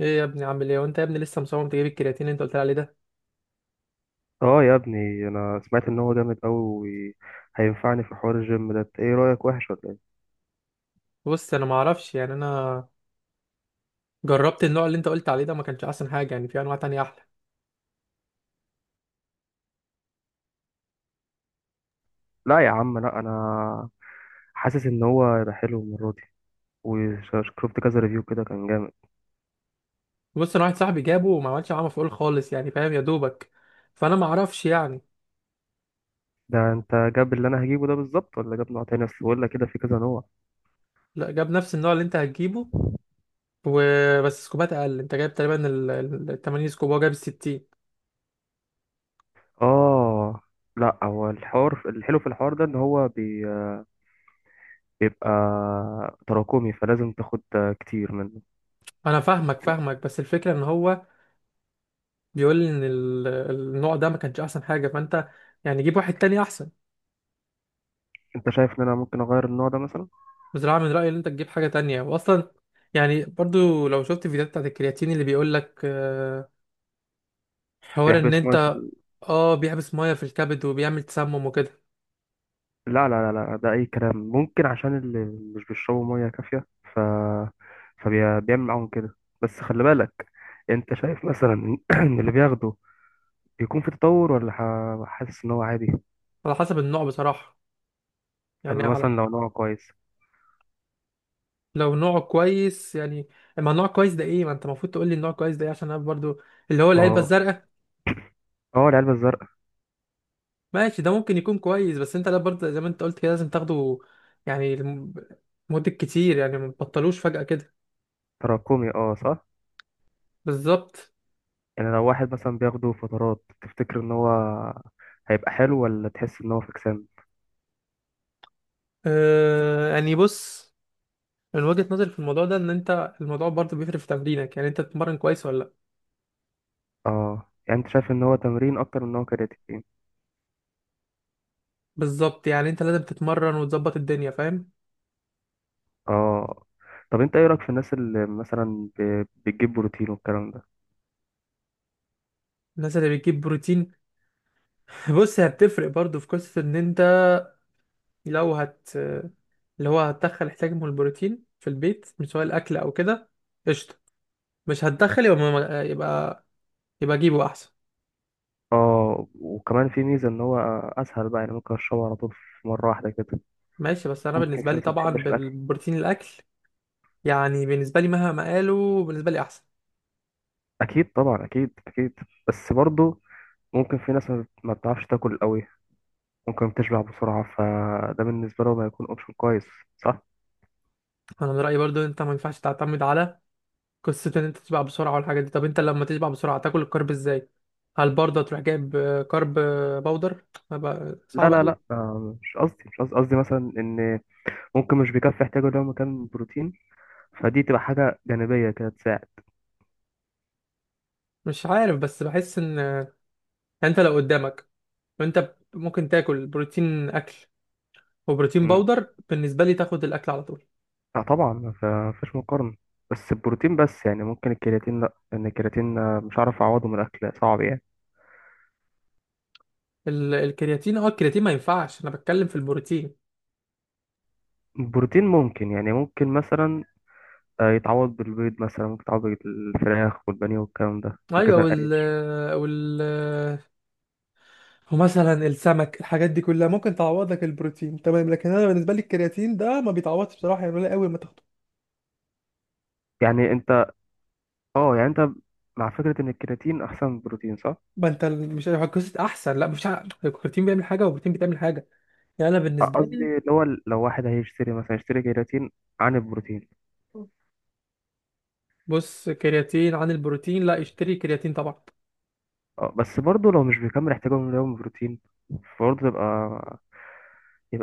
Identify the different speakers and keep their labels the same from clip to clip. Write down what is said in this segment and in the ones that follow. Speaker 1: ايه يا ابني، عامل ايه؟ وانت يا ابني لسه مصمم تجيب الكرياتين اللي انت قلت لي عليه ده؟
Speaker 2: اه يا ابني، انا سمعت ان هو جامد قوي وهينفعني في حوار الجيم ده. إنت ايه رايك؟ وحش ولا ايه؟
Speaker 1: بص انا ما اعرفش، يعني انا جربت النوع اللي انت قلت عليه ده، ما كانش احسن حاجه، يعني في انواع تانية احلى.
Speaker 2: لا يا عم لا، انا حاسس ان هو هيبقى حلو المره دي، وشفت كذا ريفيو كده كان جامد.
Speaker 1: بص انا واحد صاحبي جابه وما عملش معاه مفعول خالص، يعني فاهم يا دوبك؟ فانا ما اعرفش يعني.
Speaker 2: ده انت جاب اللي انا هجيبه ده بالظبط، ولا جاب نوع تاني؟ اصل بقول لك كده في كذا نوع.
Speaker 1: لا، جاب نفس النوع اللي انت هتجيبه وبس سكوبات اقل. انت جايب تقريبا 80 سكوب وهو جايب ال 60.
Speaker 2: اه لا، هو الحوار الحلو في الحوار ده ان هو بيبقى تراكمي، فلازم تاخد كتير منه.
Speaker 1: انا فاهمك فاهمك، بس الفكره ان هو بيقول لي ان النوع ده ما كانش احسن حاجه، فانت يعني جيب واحد تاني احسن.
Speaker 2: انت شايف ان انا ممكن اغير النوع ده مثلا؟
Speaker 1: بصراحة من رأيي ان انت تجيب حاجة تانية، واصلا يعني برضو لو شفت فيديوهات بتاعت الكرياتين اللي بيقولك حوار ان
Speaker 2: بيحبس.
Speaker 1: انت، اه بيحبس مية في الكبد وبيعمل تسمم وكده.
Speaker 2: لا لا لا لا، ده أي كلام. ممكن عشان اللي مش بيشربوا مية كافية، ف... فبيعمل معاهم كده. بس خلي بالك، أنت شايف مثلا إن إن اللي بياخده بيكون في تطور ولا حاسس إن هو عادي؟
Speaker 1: على حسب النوع بصراحة،
Speaker 2: طب
Speaker 1: يعني.
Speaker 2: مثلا لو نوع كويس؟
Speaker 1: لو نوع كويس يعني، اما نوع كويس ده ايه؟ ما انت المفروض تقول لي النوع كويس ده ايه، عشان انا برضو، اللي هو
Speaker 2: ما
Speaker 1: العلبة
Speaker 2: هو،
Speaker 1: الزرقاء.
Speaker 2: اه، العلبة الزرقاء.
Speaker 1: ماشي، ده ممكن يكون كويس، بس انت لا برضو زي ما انت قلت كده لازم تاخده يعني مدة كتير، يعني ما تبطلوش فجأة كده.
Speaker 2: تراكمي، اه صح.
Speaker 1: بالظبط.
Speaker 2: يعني لو واحد مثلا بياخده فترات، تفتكر إن هو هيبقى حلو ولا تحس إن هو فكسان؟
Speaker 1: آه يعني بص، من وجهة نظري في الموضوع ده ان انت الموضوع برضه بيفرق في تمرينك، يعني انت بتتمرن كويس ولا لا؟
Speaker 2: اه، يعني أنت شايف إن هو تمرين أكتر من إن هو كرياتين؟
Speaker 1: بالظبط، يعني انت لازم تتمرن وتظبط الدنيا، فاهم؟
Speaker 2: اه. طب انت ايه رايك في الناس اللي مثلا بتجيب بروتين والكلام ده؟
Speaker 1: الناس اللي بتجيب بروتين، بص هي بتفرق برضه في قصة ان انت، لو هت اللي هو هتدخل احتياج من البروتين في البيت، مش سواء الاكل او كده، قشطة. مش هتدخل، يبقى يبقى جيبه احسن.
Speaker 2: اه، وكمان في ميزه ان هو اسهل بقى، يعني ممكن اشربه على طول في مره واحده كده.
Speaker 1: ماشي، بس انا
Speaker 2: ممكن
Speaker 1: بالنسبة
Speaker 2: في
Speaker 1: لي
Speaker 2: ناس ما
Speaker 1: طبعا
Speaker 2: بتحبش الاكل.
Speaker 1: بالبروتين الاكل، يعني بالنسبة لي مهما قالوا، بالنسبة لي احسن.
Speaker 2: اكيد طبعا، اكيد اكيد. بس برضه ممكن في ناس ما بتعرفش تاكل قوي، ممكن بتشبع بسرعه، فده بالنسبه لهم هيكون اوبشن كويس. صح.
Speaker 1: انا من رأيي برضه انت ما ينفعش تعتمد على قصة ان انت تشبع بسرعة والحاجات دي. طب انت لما تشبع بسرعة تاكل الكرب ازاي؟ هل برضه تروح جايب كرب باودر؟ هبقى
Speaker 2: لا
Speaker 1: صعب
Speaker 2: لا لا،
Speaker 1: قوي.
Speaker 2: مش قصدي، مش قصدي، قصدي مثلا ان ممكن مش بيكفي احتياجه اليومي كان بروتين، فدي تبقى حاجه جانبيه كده تساعد.
Speaker 1: مش عارف، بس بحس ان انت لو قدامك، ممكن تاكل بروتين اكل وبروتين باودر، بالنسبة لي تاخد الاكل على طول.
Speaker 2: لا طبعا، ما فيش مقارنة. بس البروتين بس، يعني ممكن الكرياتين لا، لأن الكرياتين مش عارف أعوضه من الأكل، صعب يعني.
Speaker 1: الكرياتين، اه الكرياتين ما ينفعش، انا بتكلم في البروتين.
Speaker 2: البروتين ممكن، يعني ممكن مثلا يتعوض بالبيض مثلا، ممكن يتعوض بالفراخ والبانيه والكلام ده
Speaker 1: ايوه،
Speaker 2: والجبنة
Speaker 1: وال
Speaker 2: القريش.
Speaker 1: آه، وال آه، ومثلا السمك، الحاجات دي كلها ممكن تعوض لك البروتين، تمام. لكن انا بالنسبة لي الكرياتين ده ما بيتعوضش بصراحة، يعني قليل قوي ما تاخده.
Speaker 2: يعني أنت، أه، يعني أنت مع فكرة إن الكرياتين أحسن من البروتين، صح؟
Speaker 1: ما انت مش قصه احسن، لا مش ع- الكرياتين بيعمل حاجه والبروتين بتعمل حاجه، يعني انا بالنسبه
Speaker 2: قصدي
Speaker 1: لي.
Speaker 2: اللي هو، لو واحد هيشتري مثلا يشتري كرياتين عن البروتين.
Speaker 1: بص، كرياتين عن البروتين؟ لا اشتري كرياتين طبعا.
Speaker 2: أه، بس برضه لو مش بيكمل احتياجه من اليوم بروتين، برضه يبقى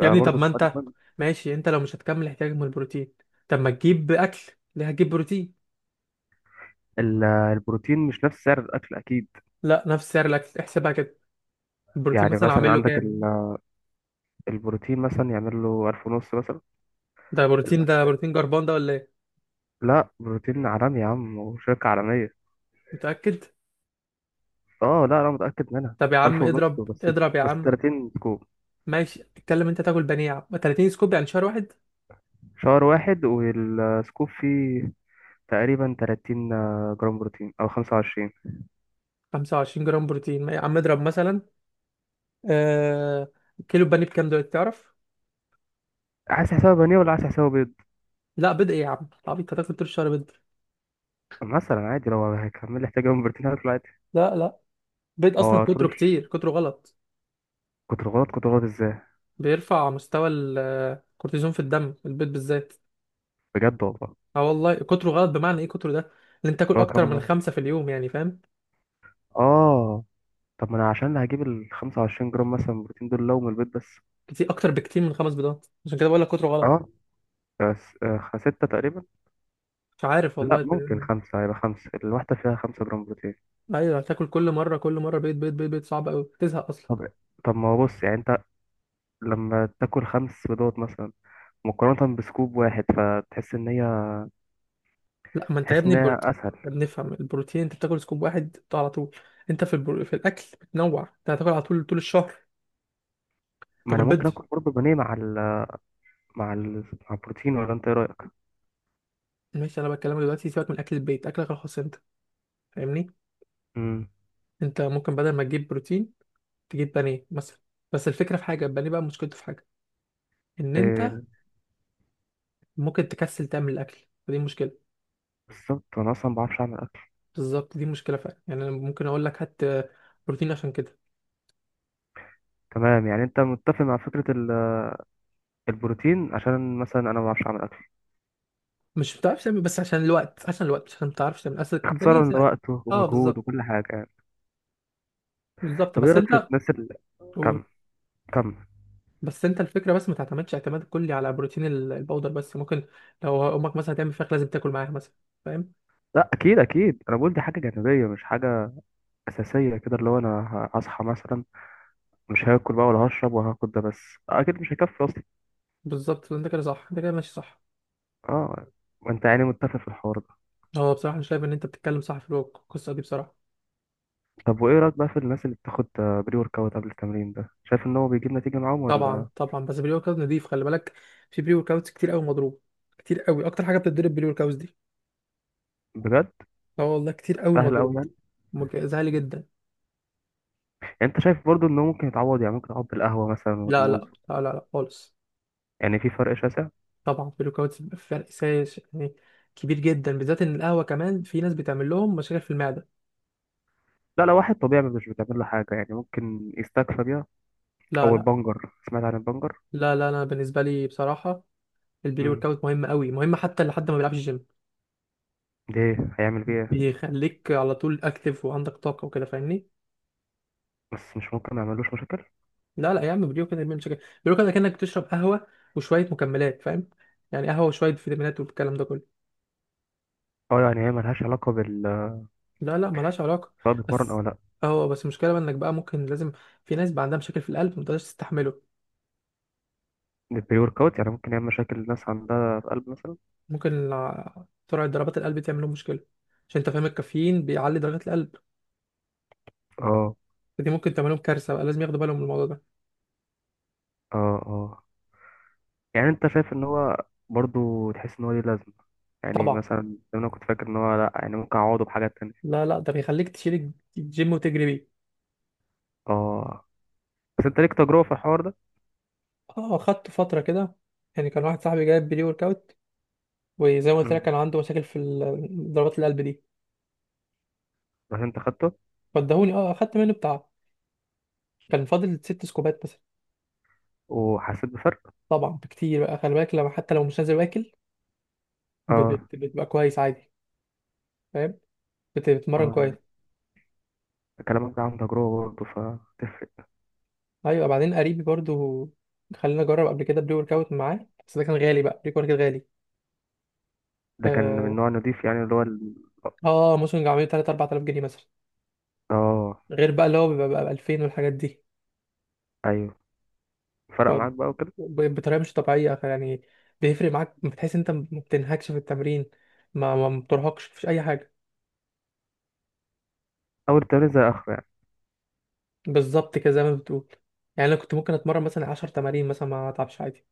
Speaker 1: يا ابني طب
Speaker 2: برضه
Speaker 1: ما
Speaker 2: سؤال
Speaker 1: انت،
Speaker 2: مهم.
Speaker 1: ماشي، انت لو مش هتكمل احتياجك من البروتين، طب ما تجيب اكل، ليه هتجيب بروتين؟
Speaker 2: البروتين مش نفس سعر الأكل، أكيد.
Speaker 1: لا، نفس سعر الاكل، احسبها كده. البروتين
Speaker 2: يعني
Speaker 1: مثلا
Speaker 2: مثلا
Speaker 1: عامل له
Speaker 2: عندك
Speaker 1: كام؟
Speaker 2: البروتين مثلا يعمل له 1500 مثلا.
Speaker 1: ده بروتين، ده
Speaker 2: الأكل.
Speaker 1: بروتين جربان ده ولا ايه؟
Speaker 2: لا، بروتين عالمي يا عم، وشركة عالمية.
Speaker 1: متاكد؟
Speaker 2: اه لا، أنا متأكد منها.
Speaker 1: طب يا عم
Speaker 2: ألف
Speaker 1: اضرب،
Speaker 2: ونص بس
Speaker 1: اضرب يا
Speaker 2: بس
Speaker 1: عم.
Speaker 2: 30 سكوب.
Speaker 1: ماشي اتكلم، انت تاكل بانيه يا عم، 30 سكوب يعني شهر واحد.
Speaker 2: شهر واحد، والسكوب فيه تقريبا 30 جرام بروتين أو 25.
Speaker 1: 25 جرام بروتين؟ ما يا عم اضرب مثلا، آه، كيلو بانيه بكام دلوقتي تعرف؟
Speaker 2: عايز حسابه بانيه ولا عايز حسابه بيض؟
Speaker 1: لا بيض ايه يا عم؟ طب انت هتاكل طول الشهر بيض؟
Speaker 2: مثلا عادي، لو هيكمل لي احتياج من بروتين هاكله عادي.
Speaker 1: لا، بيض
Speaker 2: ما
Speaker 1: اصلا
Speaker 2: هو،
Speaker 1: كتره، كتير كتره غلط.
Speaker 2: كتر غلط. كتر غلط ازاي؟
Speaker 1: بيرفع مستوى الكورتيزون في الدم، البيض بالذات.
Speaker 2: بجد والله؟
Speaker 1: اه والله كتره غلط. بمعنى ايه كتره ده؟ ان انت تاكل
Speaker 2: هو
Speaker 1: اكتر من
Speaker 2: كم؟
Speaker 1: خمسة في اليوم، يعني فاهم؟
Speaker 2: اه. طب ما انا عشان هجيب ال 25 جرام مثلا من البروتين دول لو من البيت بس.
Speaker 1: كتير، اكتر بكتير من خمس بيضات، عشان كده بقول لك كتره غلط.
Speaker 2: اه، بس ستة تقريبا.
Speaker 1: مش عارف
Speaker 2: لا
Speaker 1: والله
Speaker 2: ممكن
Speaker 1: تقريباً.
Speaker 2: خمسة. هيبقى خمسة، الواحدة فيها 5 جرام بروتين.
Speaker 1: ايوه هتاكل كل مره كل مره بيض بيض بيض بيض، صعب قوي تزهق اصلا.
Speaker 2: طب طب، ما هو بص، يعني انت، لما تاكل خمس بيضات مثلا مقارنة بسكوب واحد، فتحس ان هي،
Speaker 1: لا، ما انت يا
Speaker 2: تحس
Speaker 1: ابني
Speaker 2: ان هي اسهل.
Speaker 1: يا ابني افهم، البروتين انت بتاكل سكوب واحد بتاع على طول، انت في الاكل بتنوع، انت هتاكل على طول طول الشهر.
Speaker 2: ما
Speaker 1: تاكل
Speaker 2: انا
Speaker 1: بيض.
Speaker 2: ممكن اكل برضه بانيه مع ال مع البروتين، ولا انت ايه رأيك؟
Speaker 1: ماشي انا بكلمك دلوقتي، سيبك من اكل البيت، اكلك الخاص انت، فاهمني؟
Speaker 2: امم.
Speaker 1: انت ممكن بدل ما تجيب بروتين تجيب بانيه مثلا، بس الفكره في حاجه، البانيه بقى مشكلته في حاجه، ان انت
Speaker 2: إيه؟
Speaker 1: ممكن تكسل تعمل الاكل، فدي مشكله.
Speaker 2: بالظبط، انا اصلا ما بعرفش اعمل اكل.
Speaker 1: بالظبط دي مشكله فعلا، يعني انا ممكن اقول لك هات بروتين عشان كده.
Speaker 2: تمام، يعني انت متفق مع فكرة البروتين عشان مثلا انا ما بعرفش اعمل اكل؟
Speaker 1: مش بتعرفش تعمل، بس عشان الوقت، عشان الوقت، مش عشان ما بتعرفش تعمل، اصل البانيه
Speaker 2: اختصارا
Speaker 1: سهل.
Speaker 2: لوقته
Speaker 1: اه
Speaker 2: ومجهود
Speaker 1: بالظبط.
Speaker 2: وكل حاجة يعني.
Speaker 1: بالظبط
Speaker 2: طب ايه
Speaker 1: بس
Speaker 2: رأيك في
Speaker 1: انت
Speaker 2: الناس اللي كم كم.
Speaker 1: بس انت الفكره بس ما تعتمدش اعتماد كلي على بروتين البودر بس، ممكن لو امك مثلا تعمل فراخ لازم تاكل معاها مثلا، فاهم؟
Speaker 2: لا اكيد اكيد، انا بقول دي حاجة جانبية مش حاجة اساسية كده. اللي هو انا هصحى مثلا مش هاكل بقى ولا هشرب وهاخد ده بس، اكيد مش هيكفي اصلا.
Speaker 1: بالظبط، انت كده صح، انت كده ماشي صح.
Speaker 2: اه. ما انت يعني متفق في الحوار ده.
Speaker 1: هو بصراحه انا شايف ان انت بتتكلم صح في القصه دي بصراحه.
Speaker 2: طب وايه رأيك بقى في الناس اللي بتاخد بري ورك اوت قبل التمرين؟ ده شايف ان هو بيجيب نتيجة معاهم
Speaker 1: طبعا
Speaker 2: ولا؟
Speaker 1: طبعا، بس بري ورك اوت نضيف، خلي بالك في بري ورك اوتس كتير قوي مضروب، كتير قوي، اكتر حاجه بتتضرب بري ورك اوتس دي.
Speaker 2: بجد؟
Speaker 1: اه والله كتير قوي
Speaker 2: سهل
Speaker 1: مضروب.
Speaker 2: قوي يعني؟
Speaker 1: زعلي جدا.
Speaker 2: يعني انت شايف برضو ان هو ممكن يتعوض، يعني ممكن يتعوض بالقهوة مثلا
Speaker 1: لا لا
Speaker 2: والموز؟
Speaker 1: لا لا لا خالص.
Speaker 2: يعني في فرق شاسع؟
Speaker 1: طبعا بري ورك اوتس فرق سايش، يعني كبير جدا، بالذات ان القهوه كمان في ناس بتعمل لهم مشاكل في المعده.
Speaker 2: لا، لو واحد طبيعي مش بتعمل له حاجة، يعني ممكن يستكفى بيها.
Speaker 1: لا
Speaker 2: او
Speaker 1: لا.
Speaker 2: البنجر، سمعت عن البنجر؟
Speaker 1: لا لا، انا بالنسبه لي بصراحه البري ورك
Speaker 2: امم.
Speaker 1: اوت مهم قوي، مهم حتى لحد ما بيلعبش جيم.
Speaker 2: ده إيه؟ هيعمل بيه ايه؟
Speaker 1: بيخليك على طول اكتف وعندك طاقه وكده، فاهمني؟
Speaker 2: بس مش ممكن ما يعملوش مشاكل؟
Speaker 1: لا لا يا عم، بري ورك اوت مش كده، بري ورك اوت كانك بتشرب قهوه وشويه مكملات، فاهم؟ يعني قهوه وشويه فيتامينات والكلام ده كله.
Speaker 2: اه، يعني هي ملهاش علاقه بال،
Speaker 1: لا لا، ملهاش علاقه.
Speaker 2: سواء بيتمرن او
Speaker 1: بس،
Speaker 2: لا؟
Speaker 1: اه بس المشكله بقى انك بقى ممكن لازم، في ناس بقى عندها مشاكل في القلب ما تقدرش تستحمله.
Speaker 2: البري ورك اوت يعني ممكن يعمل مشاكل الناس عندها في قلب مثلا؟
Speaker 1: ممكن ع- سرعه ضربات القلب تعمل لهم مشكله، عشان انت فاهم الكافيين بيعلي ضربات القلب،
Speaker 2: اه
Speaker 1: فدي ممكن تعمل لهم كارثه، بقى لازم ياخدوا بالهم من الموضوع ده.
Speaker 2: اه. اه، يعني انت شايف ان هو برضو، تحس ان هو ليه لازمه يعني
Speaker 1: طبعا.
Speaker 2: مثلا، لو انا كنت فاكر ان هو لا، يعني ممكن اعوضه بحاجات تانية؟
Speaker 1: لا لا، ده بيخليك تشيل الجيم وتجري بيه.
Speaker 2: اه، بس انت ليك تجربه في الحوار ده؟
Speaker 1: اه خدت فترة كده، يعني كان واحد صاحبي جايب بري ورك اوت، وزي ما قلت لك
Speaker 2: امم.
Speaker 1: كان عنده مشاكل في ضربات القلب دي.
Speaker 2: بس انت خدته،
Speaker 1: فادهوني، اه اخدت منه بتاع، كان فاضل ست سكوبات مثلا.
Speaker 2: وحسيت بفرق؟
Speaker 1: طبعا بكتير بقى، خلي بالك لما حتى لو مش نازل واكل،
Speaker 2: اه
Speaker 1: بتبقى كويس عادي، فاهم؟ بتتمرن كويس.
Speaker 2: اه. كلامك ده عن تجربه برضه، فتفرق.
Speaker 1: ايوه، بعدين قريبي برضو، خلينا اجرب قبل كده بري ورك اوت معاه، بس ده كان غالي بقى، بري ورك اوت غالي.
Speaker 2: ده كان
Speaker 1: اه،
Speaker 2: من نوع نضيف يعني، اللي هو؟
Speaker 1: آه موسم عامل 3 4000 جنيه مثلا،
Speaker 2: اه،
Speaker 1: غير بقى اللي هو بيبقى ب 2000 والحاجات دي.
Speaker 2: ايوه. فرق
Speaker 1: ب-
Speaker 2: معاك بقى وكده؟
Speaker 1: بطريقه مش طبيعيه يعني، بيفرق معاك، بتحس انت ما بتنهكش في التمرين، ما بترهقش، مفيش اي حاجه.
Speaker 2: اول تمرين زي اخر يعني؟
Speaker 1: بالظبط كده، زي ما بتقول، يعني انا كنت ممكن اتمرن مثلا 10 تمارين مثلا ما اتعبش عادي.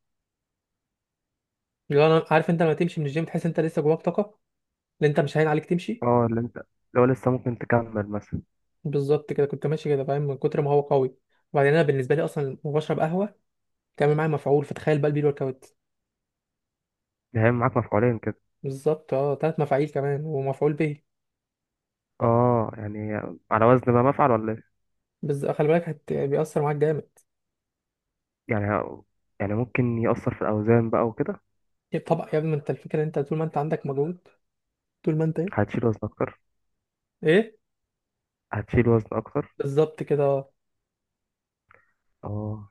Speaker 1: لو انا عارف، انت لما تمشي من الجيم تحس انت لسه جواك طاقه، اللي انت مش هين عليك تمشي.
Speaker 2: اه، اللي انت لو لسه ممكن تكمل مثلا؟
Speaker 1: بالظبط كده، كنت ماشي كده، فاهم، من كتر ما هو قوي. وبعدين انا بالنسبه لي اصلا وبشرب قهوه تعمل معايا مفعول، فتخيل بقى البيل ورك اوت.
Speaker 2: ده هيعمل معاك مفعولين كده؟
Speaker 1: بالظبط اه، تلات مفاعيل كمان ومفعول به.
Speaker 2: اه، يعني على وزن بقى مفعل ولا ايه؟
Speaker 1: بس خلي بالك بيأثر معاك جامد.
Speaker 2: يعني يعني ممكن يأثر في الاوزان بقى وكده؟
Speaker 1: طبعا يا ابني، ما انت الفكره ان انت طول ما انت عندك مجهود، طول ما انت ايه.
Speaker 2: هتشيل وزن اكتر؟
Speaker 1: ايه.
Speaker 2: هتشيل وزن اكتر.
Speaker 1: بالظبط كده اه.
Speaker 2: اه.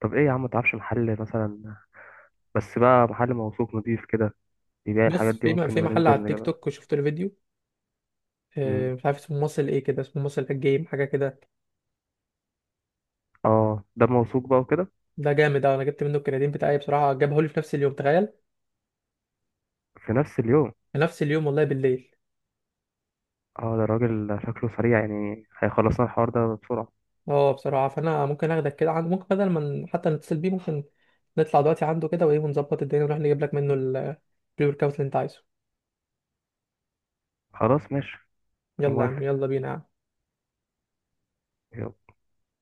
Speaker 2: طب ايه يا عم، متعرفش محل مثلا، بس بقى محل موثوق نضيف كده بيبيع
Speaker 1: بص
Speaker 2: الحاجات دي،
Speaker 1: في
Speaker 2: ممكن
Speaker 1: في
Speaker 2: نبقى
Speaker 1: محل على
Speaker 2: ننزل
Speaker 1: التيك
Speaker 2: نجيبها؟
Speaker 1: توك شفت له فيديو،
Speaker 2: امم.
Speaker 1: مش عارف اسمه مصل ايه كده، اسمه مصل الجيم حاجه كده.
Speaker 2: اه، ده موثوق بقى وكده؟
Speaker 1: ده جامد اوي، انا جبت منه الكرياتين بتاعي بصراحه، جابه لي في نفس اليوم، تخيل.
Speaker 2: في نفس اليوم؟
Speaker 1: في نفس اليوم والله، بالليل.
Speaker 2: اه، ده الراجل شكله سريع، يعني هيخلصنا الحوار ده بسرعة.
Speaker 1: اه بصراحه، فانا ممكن اخدك كده عند، ممكن بدل ما حتى نتصل بيه، ممكن نطلع دلوقتي عنده كده، وايه، ونظبط الدنيا ونروح نجيب لك منه البري ورك اوت اللي انت عايزه.
Speaker 2: خلاص ماشي. انا
Speaker 1: يلا يا عم،
Speaker 2: موافق.
Speaker 1: يلا بينا يا عم.
Speaker 2: يلا.